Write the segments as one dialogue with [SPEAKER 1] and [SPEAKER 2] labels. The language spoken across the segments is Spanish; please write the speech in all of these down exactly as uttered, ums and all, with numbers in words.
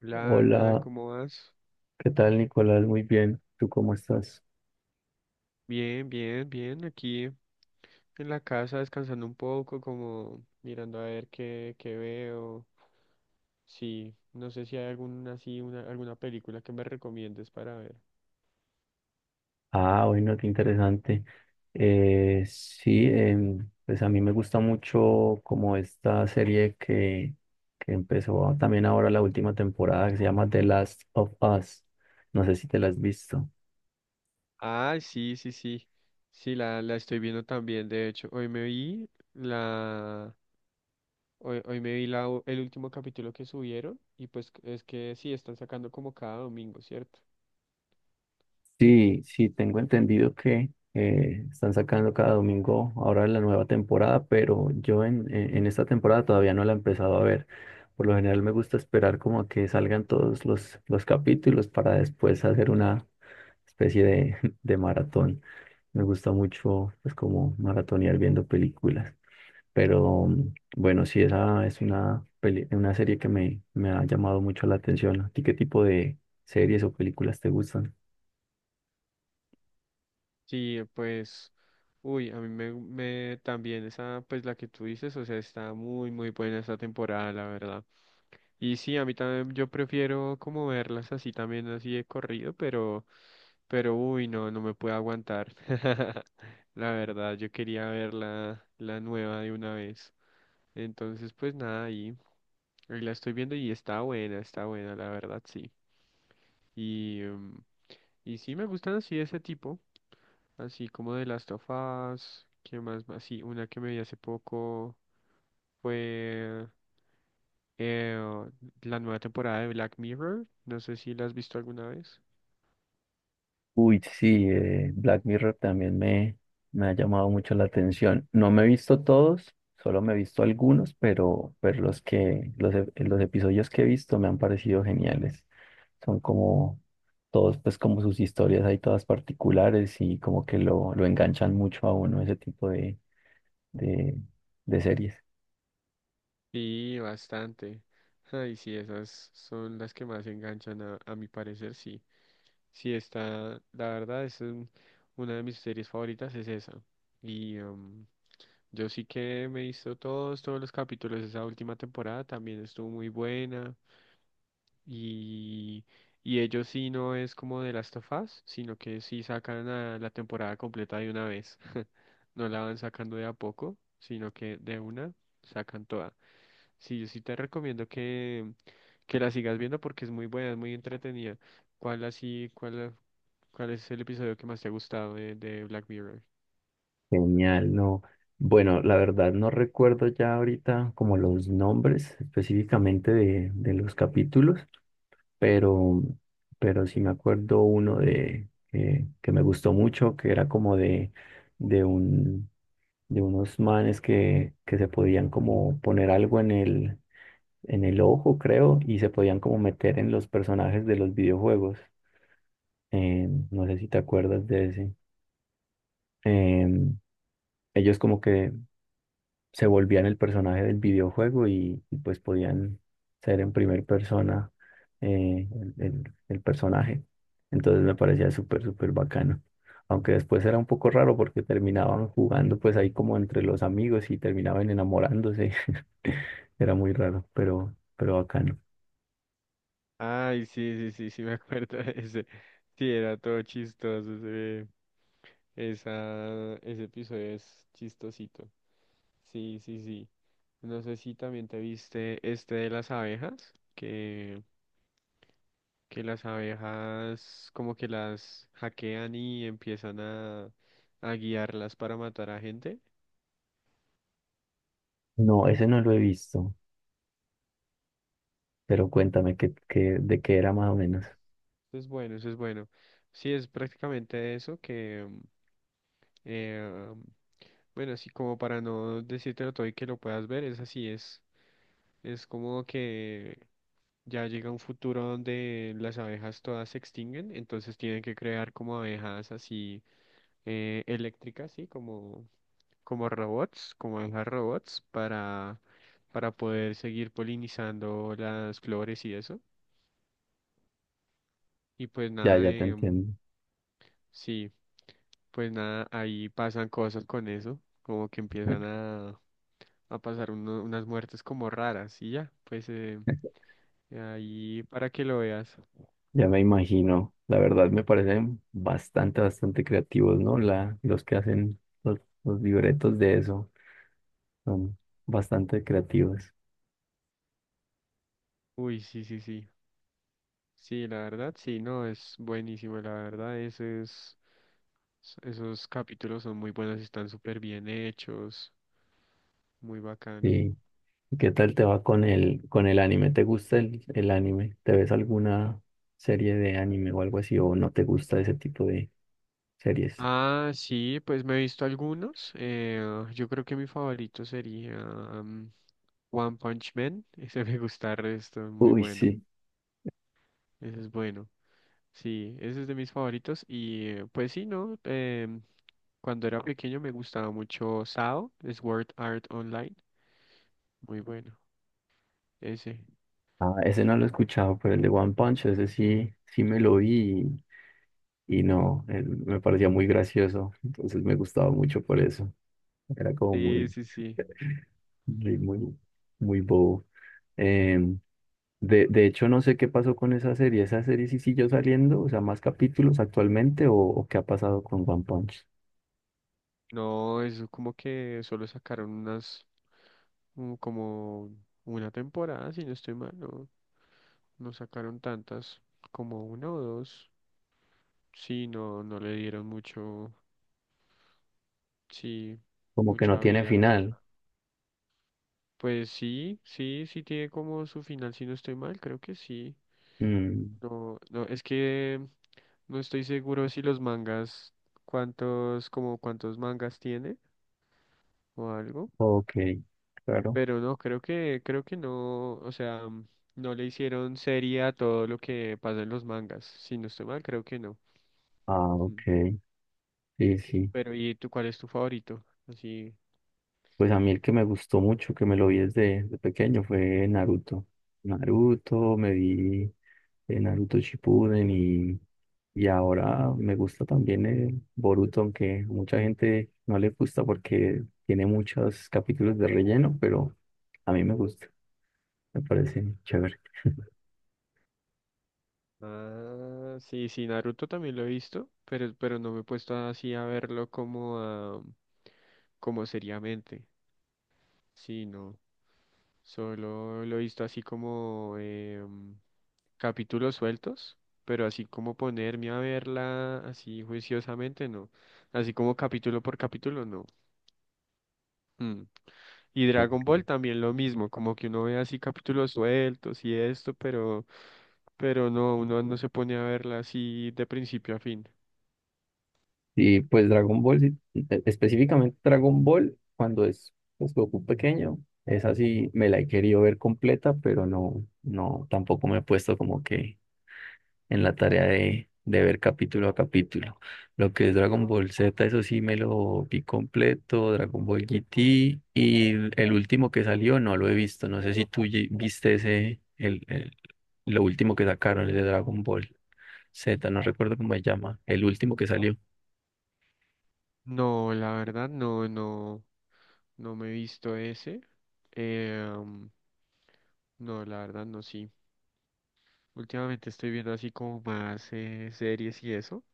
[SPEAKER 1] Hola, Ronald,
[SPEAKER 2] Hola,
[SPEAKER 1] ¿cómo vas?
[SPEAKER 2] ¿qué tal, Nicolás? Muy bien, ¿tú cómo estás?
[SPEAKER 1] Bien, bien, bien. Aquí en la casa descansando un poco, como mirando a ver qué, qué veo. Sí, no sé si hay alguna, así, una, alguna película que me recomiendes para ver.
[SPEAKER 2] Ah, bueno, qué interesante. Eh, sí, em, pues a mí me gusta mucho como esta serie que, que empezó también ahora la última temporada que se llama The Last of Us. No sé si te la has visto.
[SPEAKER 1] Ah, sí, sí, sí. Sí, la, la estoy viendo también, de hecho. Hoy me vi la... Hoy, hoy me vi la, u- el último capítulo que subieron y pues es que sí, están sacando como cada domingo, ¿cierto?
[SPEAKER 2] Sí, sí, tengo entendido que eh, están sacando cada domingo ahora la nueva temporada, pero yo en, en en esta temporada todavía no la he empezado a ver. Por lo general me gusta esperar como a que salgan todos los, los capítulos para después hacer una especie de, de maratón. Me gusta mucho pues como maratonear viendo películas. Pero mm, bueno, sí, esa es una, peli- una serie que me, me ha llamado mucho la atención. ¿A ti qué tipo de series o películas te gustan?
[SPEAKER 1] Sí, pues, uy, a mí me, me también esa, pues la que tú dices, o sea, está muy, muy buena esta temporada, la verdad. Y sí, a mí también, yo prefiero como verlas así también, así de corrido, pero, pero, uy, no, no me puedo aguantar. La verdad, yo quería ver la, la nueva de una vez. Entonces, pues nada, ahí, ahí la estoy viendo y está buena, está buena, la verdad, sí. Y, em, y sí, me gustan así ese tipo. Así como de Last of Us, ¿qué más? Así, una que me vi hace poco fue eh, la nueva temporada de Black Mirror. No sé si la has visto alguna vez.
[SPEAKER 2] Uy, sí, eh, Black Mirror también me, me ha llamado mucho la atención. No me he visto todos, solo me he visto algunos, pero, pero los que, los, e- los episodios que he visto me han parecido geniales. Son como todos, pues como sus historias hay todas particulares y como que lo, lo enganchan mucho a uno ese tipo de, de, de series.
[SPEAKER 1] Sí, bastante. Ay, sí, esas son las que más enganchan a, a mi parecer, sí. Sí, está, la verdad es un- una de mis series favoritas, es esa. Y em, yo sí que me he visto todos, todos los capítulos de esa última temporada, también estuvo muy buena. Y, y ellos sí no es como de Last of Us, sino que sí sacan a la temporada completa de una vez. No la van sacando de a poco, sino que de una sacan toda. Sí, yo sí te recomiendo que, que la sigas viendo porque es muy buena, es muy entretenida. ¿Cuál así, cuál, ¿cuál es el episodio que más te ha gustado de, de Black Mirror?
[SPEAKER 2] Genial, no. Bueno, la verdad no recuerdo ya ahorita como los nombres específicamente de, de los capítulos. pero, pero sí me acuerdo uno de que, que me gustó mucho, que era como de, de un, de unos manes que, que se podían como poner algo en el, en el ojo, creo, y se podían como meter en los personajes de los videojuegos. Eh, no sé si te acuerdas de ese. Em, Ellos como que se volvían el personaje del videojuego y, y, pues podían ser en primera persona eh, el, el- el personaje. Entonces me parecía súper, súper bacano. Aunque después era un poco raro porque terminaban jugando pues ahí como entre los amigos y terminaban enamorándose. Era muy raro, pero, pero bacano.
[SPEAKER 1] Ay, sí, sí, sí, sí, me acuerdo de ese. Sí, era todo chistoso. Ese, esa, ese episodio es chistosito. Sí, sí, sí. No sé si también te viste este de las abejas, que, que las abejas como que las hackean y empiezan a, a guiarlas para matar a gente.
[SPEAKER 2] No, ese no lo he visto, pero cuéntame qué, qué- de qué era más o menos.
[SPEAKER 1] Eso es bueno, eso es bueno. Sí, es prácticamente eso que, mm, eh, bueno, así como para no decírtelo todo y que lo puedas ver, es así, es, es como que ya llega un futuro donde las abejas todas se extinguen, entonces tienen que crear como abejas así eh, eléctricas, ¿sí? Como, como robots, como abejas robots para, para poder seguir polinizando las flores y eso. Y pues
[SPEAKER 2] Ya,
[SPEAKER 1] nada,
[SPEAKER 2] ya te
[SPEAKER 1] de, mm,
[SPEAKER 2] entiendo.
[SPEAKER 1] sí, pues nada, ahí pasan cosas con eso, como que empiezan a, a pasar uno- unas muertes como raras y ya, pues eh, ahí para que lo veas.
[SPEAKER 2] Ya me imagino, la verdad me parecen bastante, bastante creativos, ¿no? La, los que hacen los, los libretos de eso son bastante creativos.
[SPEAKER 1] Uy, sí, sí, sí. Sí, la verdad, sí, no, es buenísimo, la verdad, esos, esos capítulos son muy buenos, están súper bien hechos, muy bacano.
[SPEAKER 2] Sí. ¿Y qué tal te va con el, con el anime? ¿Te gusta el, el anime? ¿Te ves alguna serie de anime o algo así? ¿O no te gusta ese tipo de series?
[SPEAKER 1] Ah, sí, pues me he visto algunos, eh, yo creo que mi favorito sería mm, One Punch Man, ese me gusta el resto, muy
[SPEAKER 2] Uy,
[SPEAKER 1] bueno,
[SPEAKER 2] sí.
[SPEAKER 1] ese es bueno, sí, ese es de mis favoritos y eh, pues sí, no, Em, cuando era pequeño me gustaba mucho S A O, Sword Art Online, muy bueno, ese,
[SPEAKER 2] Ah, ese no lo he escuchado, pero el de One Punch, ese sí, sí me lo vi y no, eh, me parecía muy gracioso, entonces me gustaba mucho por eso, era como
[SPEAKER 1] sí,
[SPEAKER 2] muy,
[SPEAKER 1] sí, sí.
[SPEAKER 2] muy, muy, muy bobo. Em, de, de hecho, no sé qué pasó con esa serie, esa serie sí siguió saliendo, o sea, más capítulos actualmente o, o qué ha pasado con One Punch,
[SPEAKER 1] No, eso como que solo sacaron unas, mm, como una temporada, si no estoy mal, no, no sacaron tantas, como una o dos. Sí, no, no le dieron mucho, sí,
[SPEAKER 2] como que no
[SPEAKER 1] mucha
[SPEAKER 2] tiene
[SPEAKER 1] vida, la
[SPEAKER 2] final.
[SPEAKER 1] verdad. Pues sí, sí, sí tiene como su final, si no estoy mal, creo que sí.
[SPEAKER 2] Mm,
[SPEAKER 1] No, no, es que no estoy seguro si los mangas, cuántos, como cuántos mangas tiene o algo.
[SPEAKER 2] ok, claro.
[SPEAKER 1] Pero no, creo que, creo que no, o sea, mm, no le hicieron serie a todo lo que pasa en los mangas. Si no estoy mal, creo que no.
[SPEAKER 2] Ah, ok,
[SPEAKER 1] Mm.
[SPEAKER 2] sí, sí.
[SPEAKER 1] Pero, ¿y tú cuál es tu favorito? Así.
[SPEAKER 2] Pues a mí el que me gustó mucho, que me lo vi desde, desde pequeño, fue Naruto. Naruto, me vi de Naruto Shippuden y, y ahora me gusta también el Boruto, aunque mucha gente no le gusta porque tiene muchos capítulos de relleno, pero a mí me gusta, me parece chévere.
[SPEAKER 1] Ah, sí, sí, Naruto también lo he visto, pero, pero no me he puesto así a verlo como a, como seriamente. Sí, no. Solo lo he visto así como em, capítulos sueltos, pero así como ponerme a verla así juiciosamente, no. Así como capítulo por capítulo, no. Mm. Y Dragon
[SPEAKER 2] Ok.
[SPEAKER 1] Ball también lo mismo, como que uno ve así capítulos sueltos y esto, pero, pero no, uno no se pone a verla así de principio a fin.
[SPEAKER 2] Y pues Dragon Ball, sí, e- específicamente Dragon Ball, cuando es pues, Goku pequeño, es así, me la he querido ver completa, pero no, no, tampoco me he puesto como que en la tarea de, de ver capítulo a capítulo. Lo que es Dragon Ball Z, eso sí me lo vi completo, Dragon Ball G T y el el último que salió no lo he visto. No sé si tú ye- viste ese, el, el- lo último que sacaron, el de Dragon Ball Z, no recuerdo cómo se llama, el último que salió.
[SPEAKER 1] No, la verdad, no, no, no me he visto ese. Eh, um, no, la verdad, no, sí. Últimamente estoy viendo así como más eh, series y eso,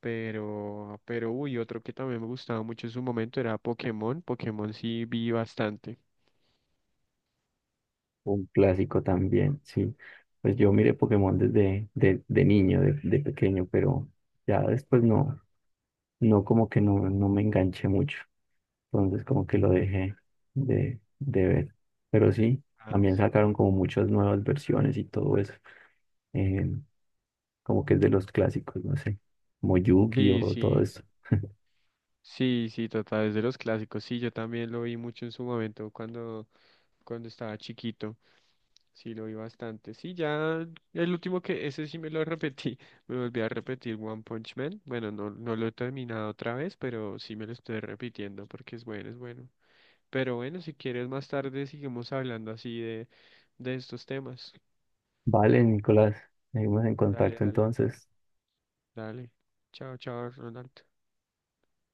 [SPEAKER 1] pero, pero uy, otro que también me gustaba mucho en su momento era Pokémon. Pokémon sí vi bastante.
[SPEAKER 2] Un clásico también, sí. Pues yo miré Pokémon desde de, de niño, de, de pequeño, pero ya después no, no como que no, no me enganché mucho. Entonces como que lo dejé de, de ver. Pero sí,
[SPEAKER 1] Ah,
[SPEAKER 2] también sacaron como muchas nuevas versiones y todo eso. Eh, como que es de los clásicos, no sé, como
[SPEAKER 1] sí, sí,
[SPEAKER 2] Yu-Gi-Oh, todo
[SPEAKER 1] sí,
[SPEAKER 2] eso.
[SPEAKER 1] sí, sí, total, es de los clásicos. Sí, yo también lo vi mucho en su momento cuando, cuando estaba chiquito. Sí, lo vi bastante. Sí, ya el último que ese sí me lo repetí. Me volví a repetir One Punch Man. Bueno, no, no lo he terminado otra vez, pero sí me lo estoy repitiendo porque es bueno, es bueno. Pero bueno, si quieres más tarde seguimos hablando así de, de estos temas.
[SPEAKER 2] Vale, Nicolás, seguimos en
[SPEAKER 1] Dale,
[SPEAKER 2] contacto
[SPEAKER 1] dale,
[SPEAKER 2] entonces.
[SPEAKER 1] dale. Chao, chao, Ronald.